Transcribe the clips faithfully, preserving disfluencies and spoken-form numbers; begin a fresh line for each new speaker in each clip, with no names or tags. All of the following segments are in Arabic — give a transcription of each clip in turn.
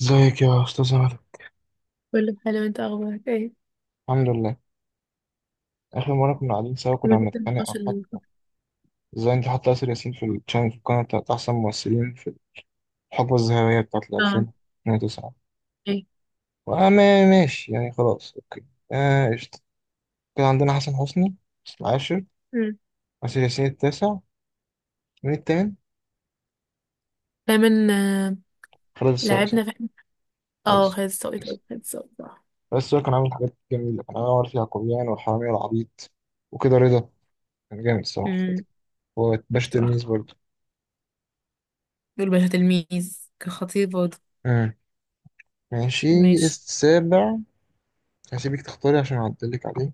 ازيك يا استاذ عمر.
كله حلو، انت اخبارك ايه؟
الحمد لله. اخر مره كنا قاعدين سوا
من
كنا
بعد
بنتخانق عن
النقاش
حط،
اللي كنت-
ازاي انت حاطه ياسر ياسين في الشانل، في القناه بتاعت احسن ممثلين في الحقبه الذهبيه بتاعت
اه،
ألفين وتسعة.
ايه.
وانا ما- ماشي يعني، خلاص اوكي. آه قشطه. كان عندنا حسن حسني العاشر،
مم.
ياسر ياسين التاسع، مين التامن؟
دايما آه،
خالد السادس.
لعبنا في اه
بس
خالد الصاوي طبعا، خالد الصاوي صح.
بس هو كان عامل حاجات جميله، كان عامل في يعقوبيان والحرامية والعبيط وكده رضا. كان جامد الصراحه،
امم.
هو باش
صح،
تلميذ برضه.
دول باشا تلميذ كان خطير برضه.
مم. ماشي.
ماشي.
السابع، هسيبك تختاري عشان اعدلك عليه.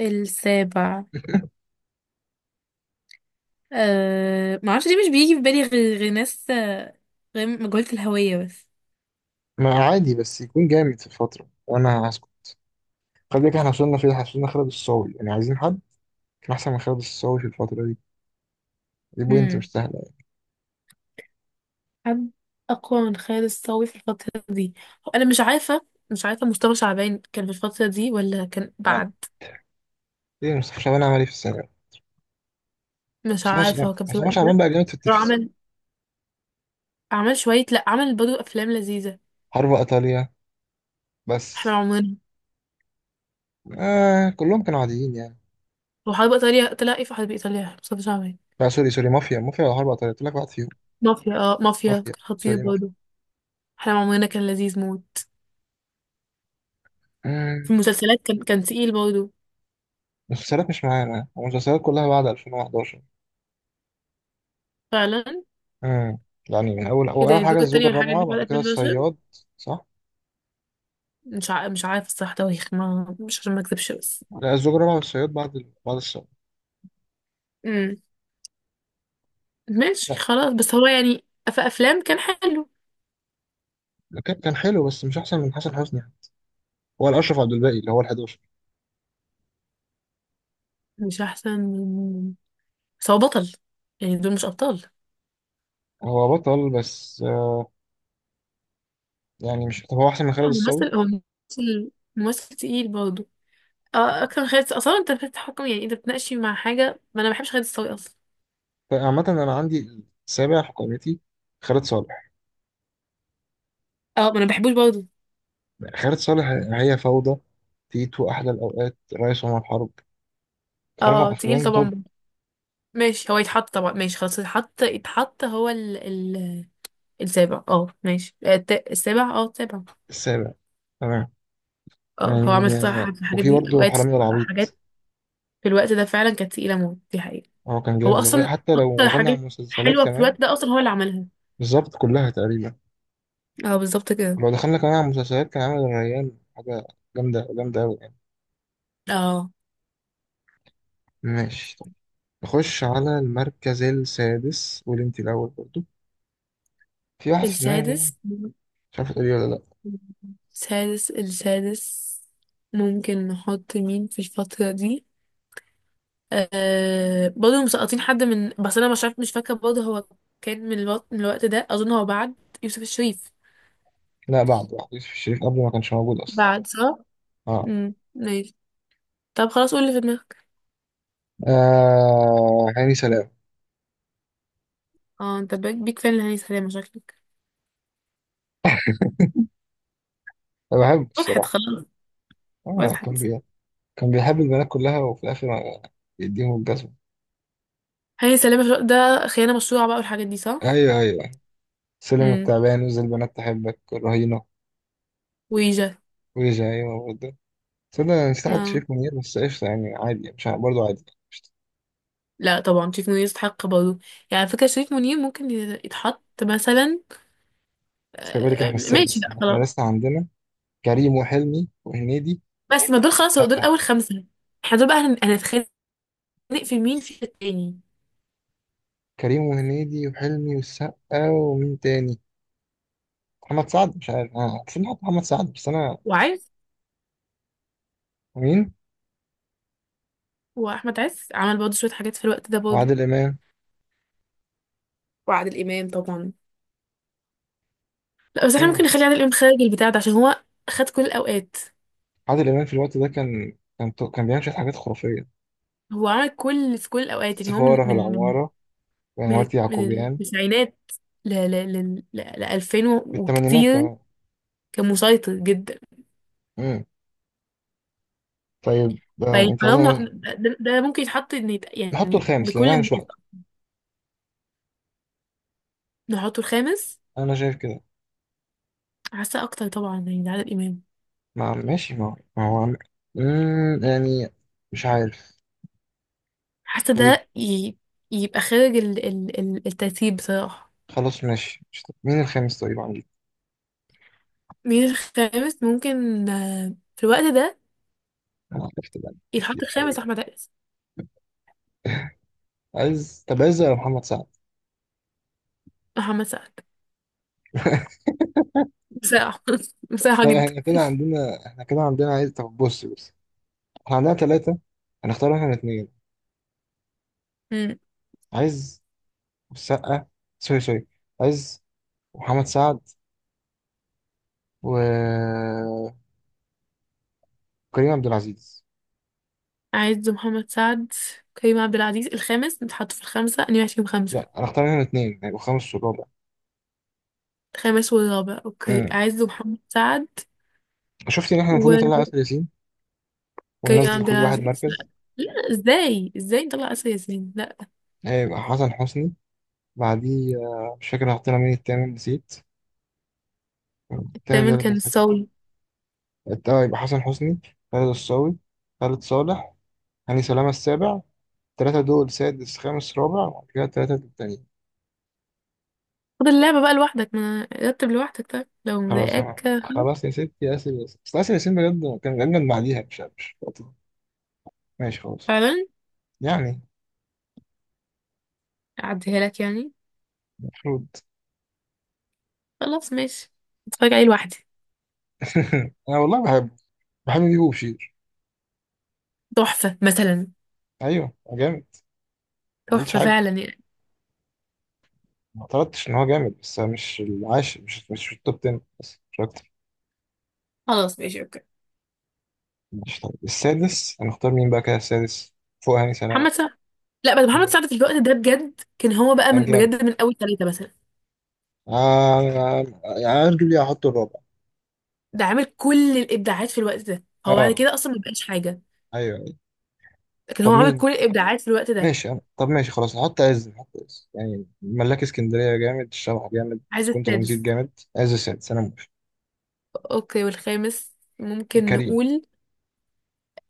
السابع أه... ما اعرفش ليه مش بيجي في بالي غير غير ناس آه، غير مجهولة الهوية بس.
ما عادي بس يكون جامد في الفترة وانا هسكت. خلي بالك احنا وصلنا فين، احنا وصلنا خالد الصاوي، يعني عايزين حد كان احسن من خالد الصاوي في الفترة دي، دي بوينت
امم.
مش سهلة يعني.
حد اقوى من خالد الصاوي في الفترة دي؟ هو انا مش عارفة مش عارفة مصطفى شعبان كان في الفترة دي ولا كان
عادي،
بعد.
ايه مصطفى شعبان عمل ايه في الثانوي؟
مش
مصطفى ش-
عارفة هو كان في
مصطفى
الوقت
شعبان
ده.
بقى جامد في
هو
التلفزيون.
عمل، عمل شوية، لأ عمل برضه أفلام لذيذة.
حرب ايطاليا
احنا
بس.
عمرنا.
آه كلهم كانوا عاديين يعني.
وحرب إيطاليا طلع ايه في حرب إيطاليا مصطفى شعبان؟
لا سوري، سوري مافيا، مافيا ولا حرب ايطاليا، قلت لك واحد فيهم.
مافيا، اه مافيا
مافيا،
كان خطير
سوري مافيا.
برضه. احنا عمرنا كان لذيذ موت. في
مم،
المسلسلات كان كان تقيل برضه.
المسلسلات مش معانا، المسلسلات كلها بعد ألفين وحداشر.
فعلا.
امم، يعني من اول
ايه
اول
ده؟
أول حاجة
الزوجة
الزوجة
التانية والحاجات دي
الرابعة،
بعد
بعد كده
الفين وحداشر.
الصياد. صح.
مش ع... مش عارف الصراحة تواريخ، ما مش عشان ما اكذبش بس.
لا الزجرة مع الصياد، بعد ال... بعد الصياد.
امم. ماشي خلاص، بس هو يعني في أفلام كان حلو.
لا كان، كان حلو بس مش أحسن من حسن حسني يعني. هو الأشرف عبد الباقي اللي هو ال11.
مش أحسن من، بس هو بطل، يعني دول مش أبطال.
هو بطل بس آه يعني مش، طب هو أحسن من
لا،
خالد
هو
الصاوي.
ممثل، هو ممثل ممثل تقيل برضه. اه آه، اكتر من خيال الس- اصلا انت بتتحكم، يعني انت بتناقشي مع حاجه ما انا ما بحبش خيال السوي اصلا.
فعامة أنا عندي السابع في قائمتي خالد صالح.
اه ما انا ما بحبوش برضه.
خالد صالح، هي فوضى، تيتو، أحلى الأوقات، رئيس عمر حرب، أربع
اه تقيل
أفلام توب.
طبعا. ماشي، هو يتحط طبعا، ماشي خلاص يتحط يتحط هو ال ال السابع. اه ماشي آه، الت- السابع، اه السابع.
السابع، تمام.
اه هو عمل
يعني
صح
آه،
في الحاجات
وفي
دي
برضه
اوقات.
حرامي العبيط.
حاجات في الوقت ده فعلا كانت تقيله موت، دي حقيقه.
هو كان
هو
جامد لغاية-
اصلا
حتى لو
اكتر
دخلنا على
حاجات
المسلسلات
حلوه في
كمان.
الوقت ده اصلا هو اللي عملها.
بالظبط كلها تقريبا.
اه بالظبط كده.
لو دخلنا كمان على المسلسلات كان عامل الريان، حاجة جامدة، جامدة أوي يعني.
اه
ماشي طب، نخش على المركز السادس، واللي انت الأول برضو. في واحد في دماغي،
السادس.
مش عارف تقولي ولا لأ.
سادس، السادس ممكن نحط مين في الفترة دي؟ آه برضه مسقطين حد، من بس انا مش عارف، مش فاكرة برضه هو كان من الوقت، من الوقت ده اظن هو بعد يوسف الشريف،
لا بعد واحد، يوسف الشريف قبل ما كانش موجود أصلا.
بعد صح؟
اه،
امم ماشي. طب خلاص قول اللي في دماغك.
آه هاني سلام.
اه انت بيك بيك فان لهاني سلامة شكلك.
أنا بحبه
وضحت
الصراحة.
خلاص،
اه كان
وضحت.
بي... كان بيحب البنات كلها وفي الآخر يديهم الجزمة.
هاني سلامة شو- ده خيانة مشروعة بقى والحاجات دي صح؟
أيوه أيوه، سلم
امم.
التعبان وزي البنات تحبك الرهينة.
ويجا.
ويجي أيوه برضه. تصدق أنا نسيت أحط
اه
شريف منير، بس قشطة يعني عادي، مش ع- برضه عادي.
لا طبعا، شريف منير يستحق برضه. يعني على فكرة شريف منير ممكن يتحط مثلا،
بس خلي بالك
آه،
احنا
ماشي
السادس،
لا
احنا
خلاص.
لسه عندنا كريم وحلمي وهنيدي.
بس ما دول خلاص، هو دول
لا
اول خمسه. احنا دول بقى هن- هنتخانق في مين في التاني.
كريم وهنيدي وحلمي والسقا، ومين تاني؟ محمد سعد، مش عارف اه بس نحط محمد سعد، بس انا
وعز،
مين؟
واحمد عز عمل برضه شويه حاجات في الوقت ده برضه.
وعادل امام.
وعادل امام طبعا. لا بس احنا ممكن
مم.
نخلي عادل امام خارج البتاع ده، عشان هو خد كل الاوقات.
عادل امام في الوقت ده كان كان تو- كان بيعمل شويه حاجات خرافيه.
هو عمل كل، في كل الاوقات يعني، هو من
السفاره في
من من
العماره،
من
وعماره
من
يعقوبيان.
التسعينات ل ل ل ل الفين
بالثمانينات
وكتير،
كمان.
كان مسيطر جدا.
مم. طيب آه
فيعني
انت عايز؟
حرام نح- ده، ده ممكن يتحط ان يت-
نحطه
يعني
الخامس لان
بكل
انا مش
الناس.
وقته.
نحطه الخامس.
انا شايف كده.
حاسة أكتر طبعا، يعني ده عادل إمام.
ما ماشي ما ما هو عم- مم، يعني مش عارف.
حاسة
طيب،
ده ي... يبقى خارج ال... ال... ال- الترتيب بصراحة.
خلاص ماشي، مش طب مين الخامس طيب عندي؟
مين الخامس ممكن آه، في الوقت ده
انا عرفت بقى
يتحط
كتير قوي.
الخامس؟ أحمد عز.
عايز، طب عايز يا محمد سعد.
محمد سعد، بصراحة. بصراحة
طب
جدا.
احنا كده عندنا، احنا كده عندنا عايز، طب بص، بص احنا عندنا ثلاثة، هنختار احنا الاثنين.
مم.
عايز السقا، سوري سوري. عايز محمد سعد و كريم عبد العزيز.
عز، محمد سعد، كريم عبد العزيز الخامس، نتحط في الخمسة أنا فيهم خمسة.
لا هنختار احنا الاثنين، هيبقى خامس والرابع.
الخامس والرابع، أوكي
امم،
عز ومحمد سعد
شفت ان احنا المفروض
وكريم
نطلع آسر ياسين وننزل
عبد
كل واحد
العزيز. لا.
مركز.
لا ازاي ازاي نطلع آسر ياسين؟ لا.
هيبقى حسن حسني بعديه، آه، مش فاكر حطينا مين التامن، نسيت. التامن ده
الثامن
اللي
كان
مسكه.
الصاوي.
التاني يبقى حسن حسني، خالد الصاوي، خالد صالح، هاني سلامة السابع. التلاتة دول سادس خامس رابع، وبعد كده التلاتة التانيين.
خد اللعبة بقى لوحدك، ما رتب لوحدك طيب لو
خلاص أنا،
مضايقاك.
خلاص يا ستي ياسر ياسين، بس ياسر ياسين بجد كان أجمد بعديها، مش مش ماشي، خلاص
فعلا.
يعني
أعديها لك يعني.
المفروض.
خلاص ماشي. اتفرج عليه لوحدي.
أنا والله بحب، بحب بيبو وبشير.
تحفة مثلا.
أيوه هو جامد. ما قلتش
تحفة
حاجة،
فعلا يعني.
ما اعترضتش إن هو جامد، بس مش العاشر، مش مش في التوب عشرة، بس مش أكتر.
خلاص ماشي اوكي.
مش طيب. السادس هنختار مين بقى كده؟ السادس فوق هاني سلامة؟
محمد سعد. لا بس محمد سعد في الوقت ده بجد، كان هو بقى من
كان جامد
بجد من أول ثلاثة مثلا.
آه. يعني هتجيب لي، هحط الرابع.
ده عامل كل الإبداعات في الوقت ده، هو بعد
اه
كده أصلا ما بقاش حاجة.
ايوه ايوه.
لكن
طب
هو عامل
مين؟
كل الإبداعات في الوقت ده.
ماشي أنا. طب ماشي خلاص، نحط عز، نحط عز يعني ملاك اسكندريه جامد، الشبح جامد،
عايز
سكون ترانزيت
السادس.
جامد. عز السادس، انا موافق.
أوكي، والخامس ممكن
كريم،
نقول.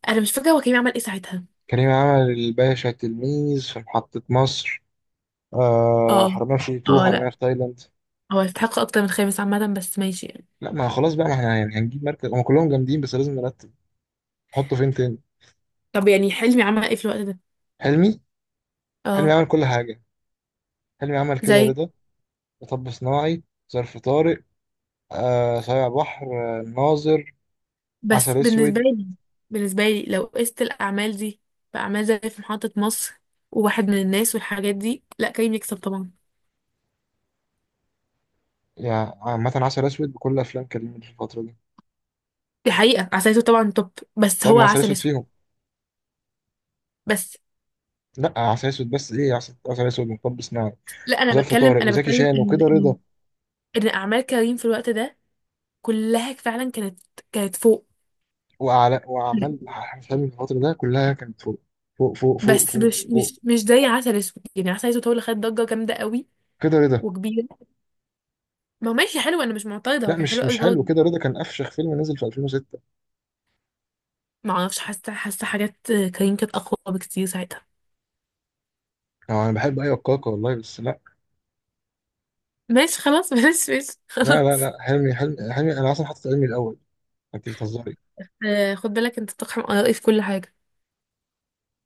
أنا مش فاكرة هو كريم عمل إيه ساعتها.
كريم عمل الباشا تلميذ، في محطه مصر، آه
اه.
حرامية في تو،
اه لا،
حرامية في تايلاند.
هو يستحق اكتر من خامس عامة، بس ماشي يعني.
لا ما خلاص بقى، ما احنا يعني هنجيب مركز، هم كلهم جامدين بس لازم نرتب. نحطه فين تاني؟
طب يعني حلمي عمل ايه في الوقت ده؟
حلمي، حلمي
اه.
عمل كل حاجه. حلمي عمل كده
زي،
رضا، مطب صناعي، ظرف طارق، آه صايع بحر، آه ناظر،
بس
عسل اسود.
بالنسبة لي، بالنسبة لي لو قست الأعمال دي بأعمال زي في محطة مصر وواحد من الناس والحاجات دي، لا كريم يكسب طبعا.
يعني عامة عسل اسود بكل افلام كريم في الفترة دي.
دي حقيقة، عسل أسود طبعا توب، بس
طيب
هو
ما عسل
عسل
اسود
أسود
فيهم.
بس.
لا عسل اسود بس، ايه عسل، عسل اسود ومطب صناعي
لا أنا
وظرف
بتكلم،
طارق
أنا
وزكي
بتكلم
شان
إن
وكده
إن
رضا.
إن أعمال كريم في الوقت ده كلها فعلا كانت، كانت فوق.
وأعلى، وأعمال حلمي في الفترة ده كلها كانت فوق، فوق فوق فوق
بس
فوق,
مش
فوق.
مش مش زي عسل أسود، يعني عسل أسود هو اللي خد ضجة جامدة قوي
كده رضا،
وكبيرة. ما هو ماشي حلو، انا مش معترضه، هو
لا
كان حلو
مش
قوي
مش حلو،
برضه.
كده رضا كان افشخ فيلم نزل في ألفين وستة.
ما اعرفش، حاسه حاسه حاجات كريم كانت اقوى بكتير ساعتها.
أو انا بحب ايوه كاكا والله بس لا.
ماشي خلاص. ماشي ماشي
لا لا
خلاص.
لا حلمي، حلمي حلمي انا اصلا حاطط حلمي الاول، انت بتهزري.
آه خد بالك انت بتقحم ارائي في كل حاجه.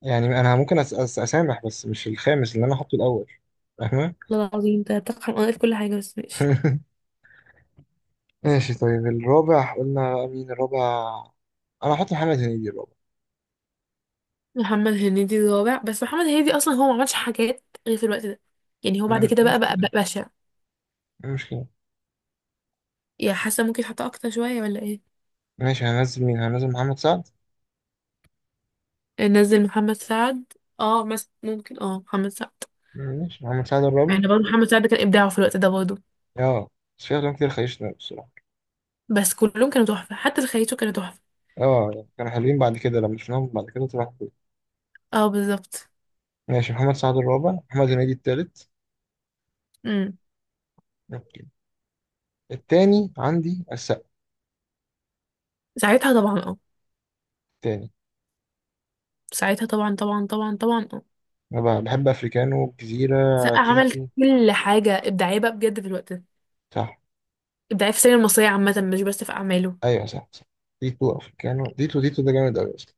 يعني انا ممكن أس أس اسامح، بس مش الخامس اللي انا حاطه الاول. فاهمه؟
والله العظيم انت بتقحم ارائي في كل حاجه، بس ماشي.
ماشي طيب، الرابع قلنا مين الرابع؟ انا هحط محمد هنيدي الرابع.
محمد هنيدي الرابع، بس محمد هنيدي اصلا هو ما عملش حاجات غير في الوقت ده، يعني هو بعد
أنا-
كده بقى
مش
بقى, بقى
كده،
بشع.
مش كده.
يا حاسه ممكن حتى اكتر شويه ولا ايه؟
ماشي هنزل مين؟ هنزل محمد سعد.
آه، نزل محمد سعد. اه مثلا ممكن، اه محمد سعد.
ماشي محمد سعد الرابع.
يعني برضه محمد سعد كان ابداعه في الوقت ده برضه.
اه بس في افلام كتير خيشنا بصراحه.
بس كلهم كانوا تحفه، حتى في خياته كانوا تحفه.
اه يعني كانوا حلوين، بعد كده لما شفناهم بعد كده طلعوا حلوين.
اه بالظبط.
ماشي، محمد سعد الرابع، محمد هنيدي التالت.
امم.
اوكي. التاني عندي السقا.
ساعتها طبعا اه.
التاني،
ساعتها طبعا طبعا طبعا طبعا اه.
انا بحب افريكانو، جزيره،
سقا عمل
تيتو.
كل حاجة إبداعية بقى بجد في الوقت ده،
صح.
إبداعية في السينما المصرية عامة مش بس في أعماله.
ايوه صح صح. ديتو، افريكانو، ديتو ديتو ده جامد قوي اصلا.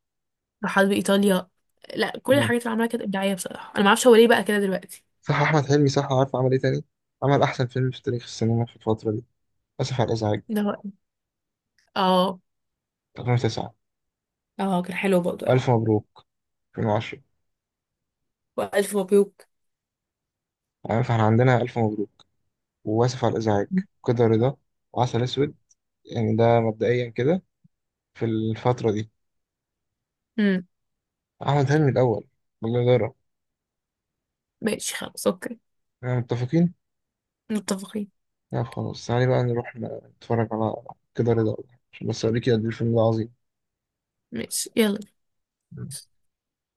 راحات بإيطاليا. لا كل
مم.
الحاجات اللي عملها كانت إبداعية بصراحة، أنا معرفش هو ليه بقى كده دلوقتي.
صح احمد حلمي، صح عارف عمل ايه تاني؟ عمل احسن فيلم في تاريخ السينما في الفتره دي، اسف على الازعاج
ده هو. اه.
ألفين وتسعة.
اه كان حلو برضه
الف
أوي.
مبروك ألفين وعشرة.
وألف مبروك.
يعني فاحنا عندنا الف مبروك، واسف على الازعاج، كده رضا، وعسل اسود، يعني ده مبدئيا كده في الفتره دي.
امم.
احمد حلمي الاول بالجدارة،
ماشي خلاص أوكي.
احنا متفقين.
متفقين.
لا خلاص، تعالي بقى نروح نتفرج على كده رضا، عشان بس اوريكي قد ايه الفيلم ده عظيم.
ماشي يلا.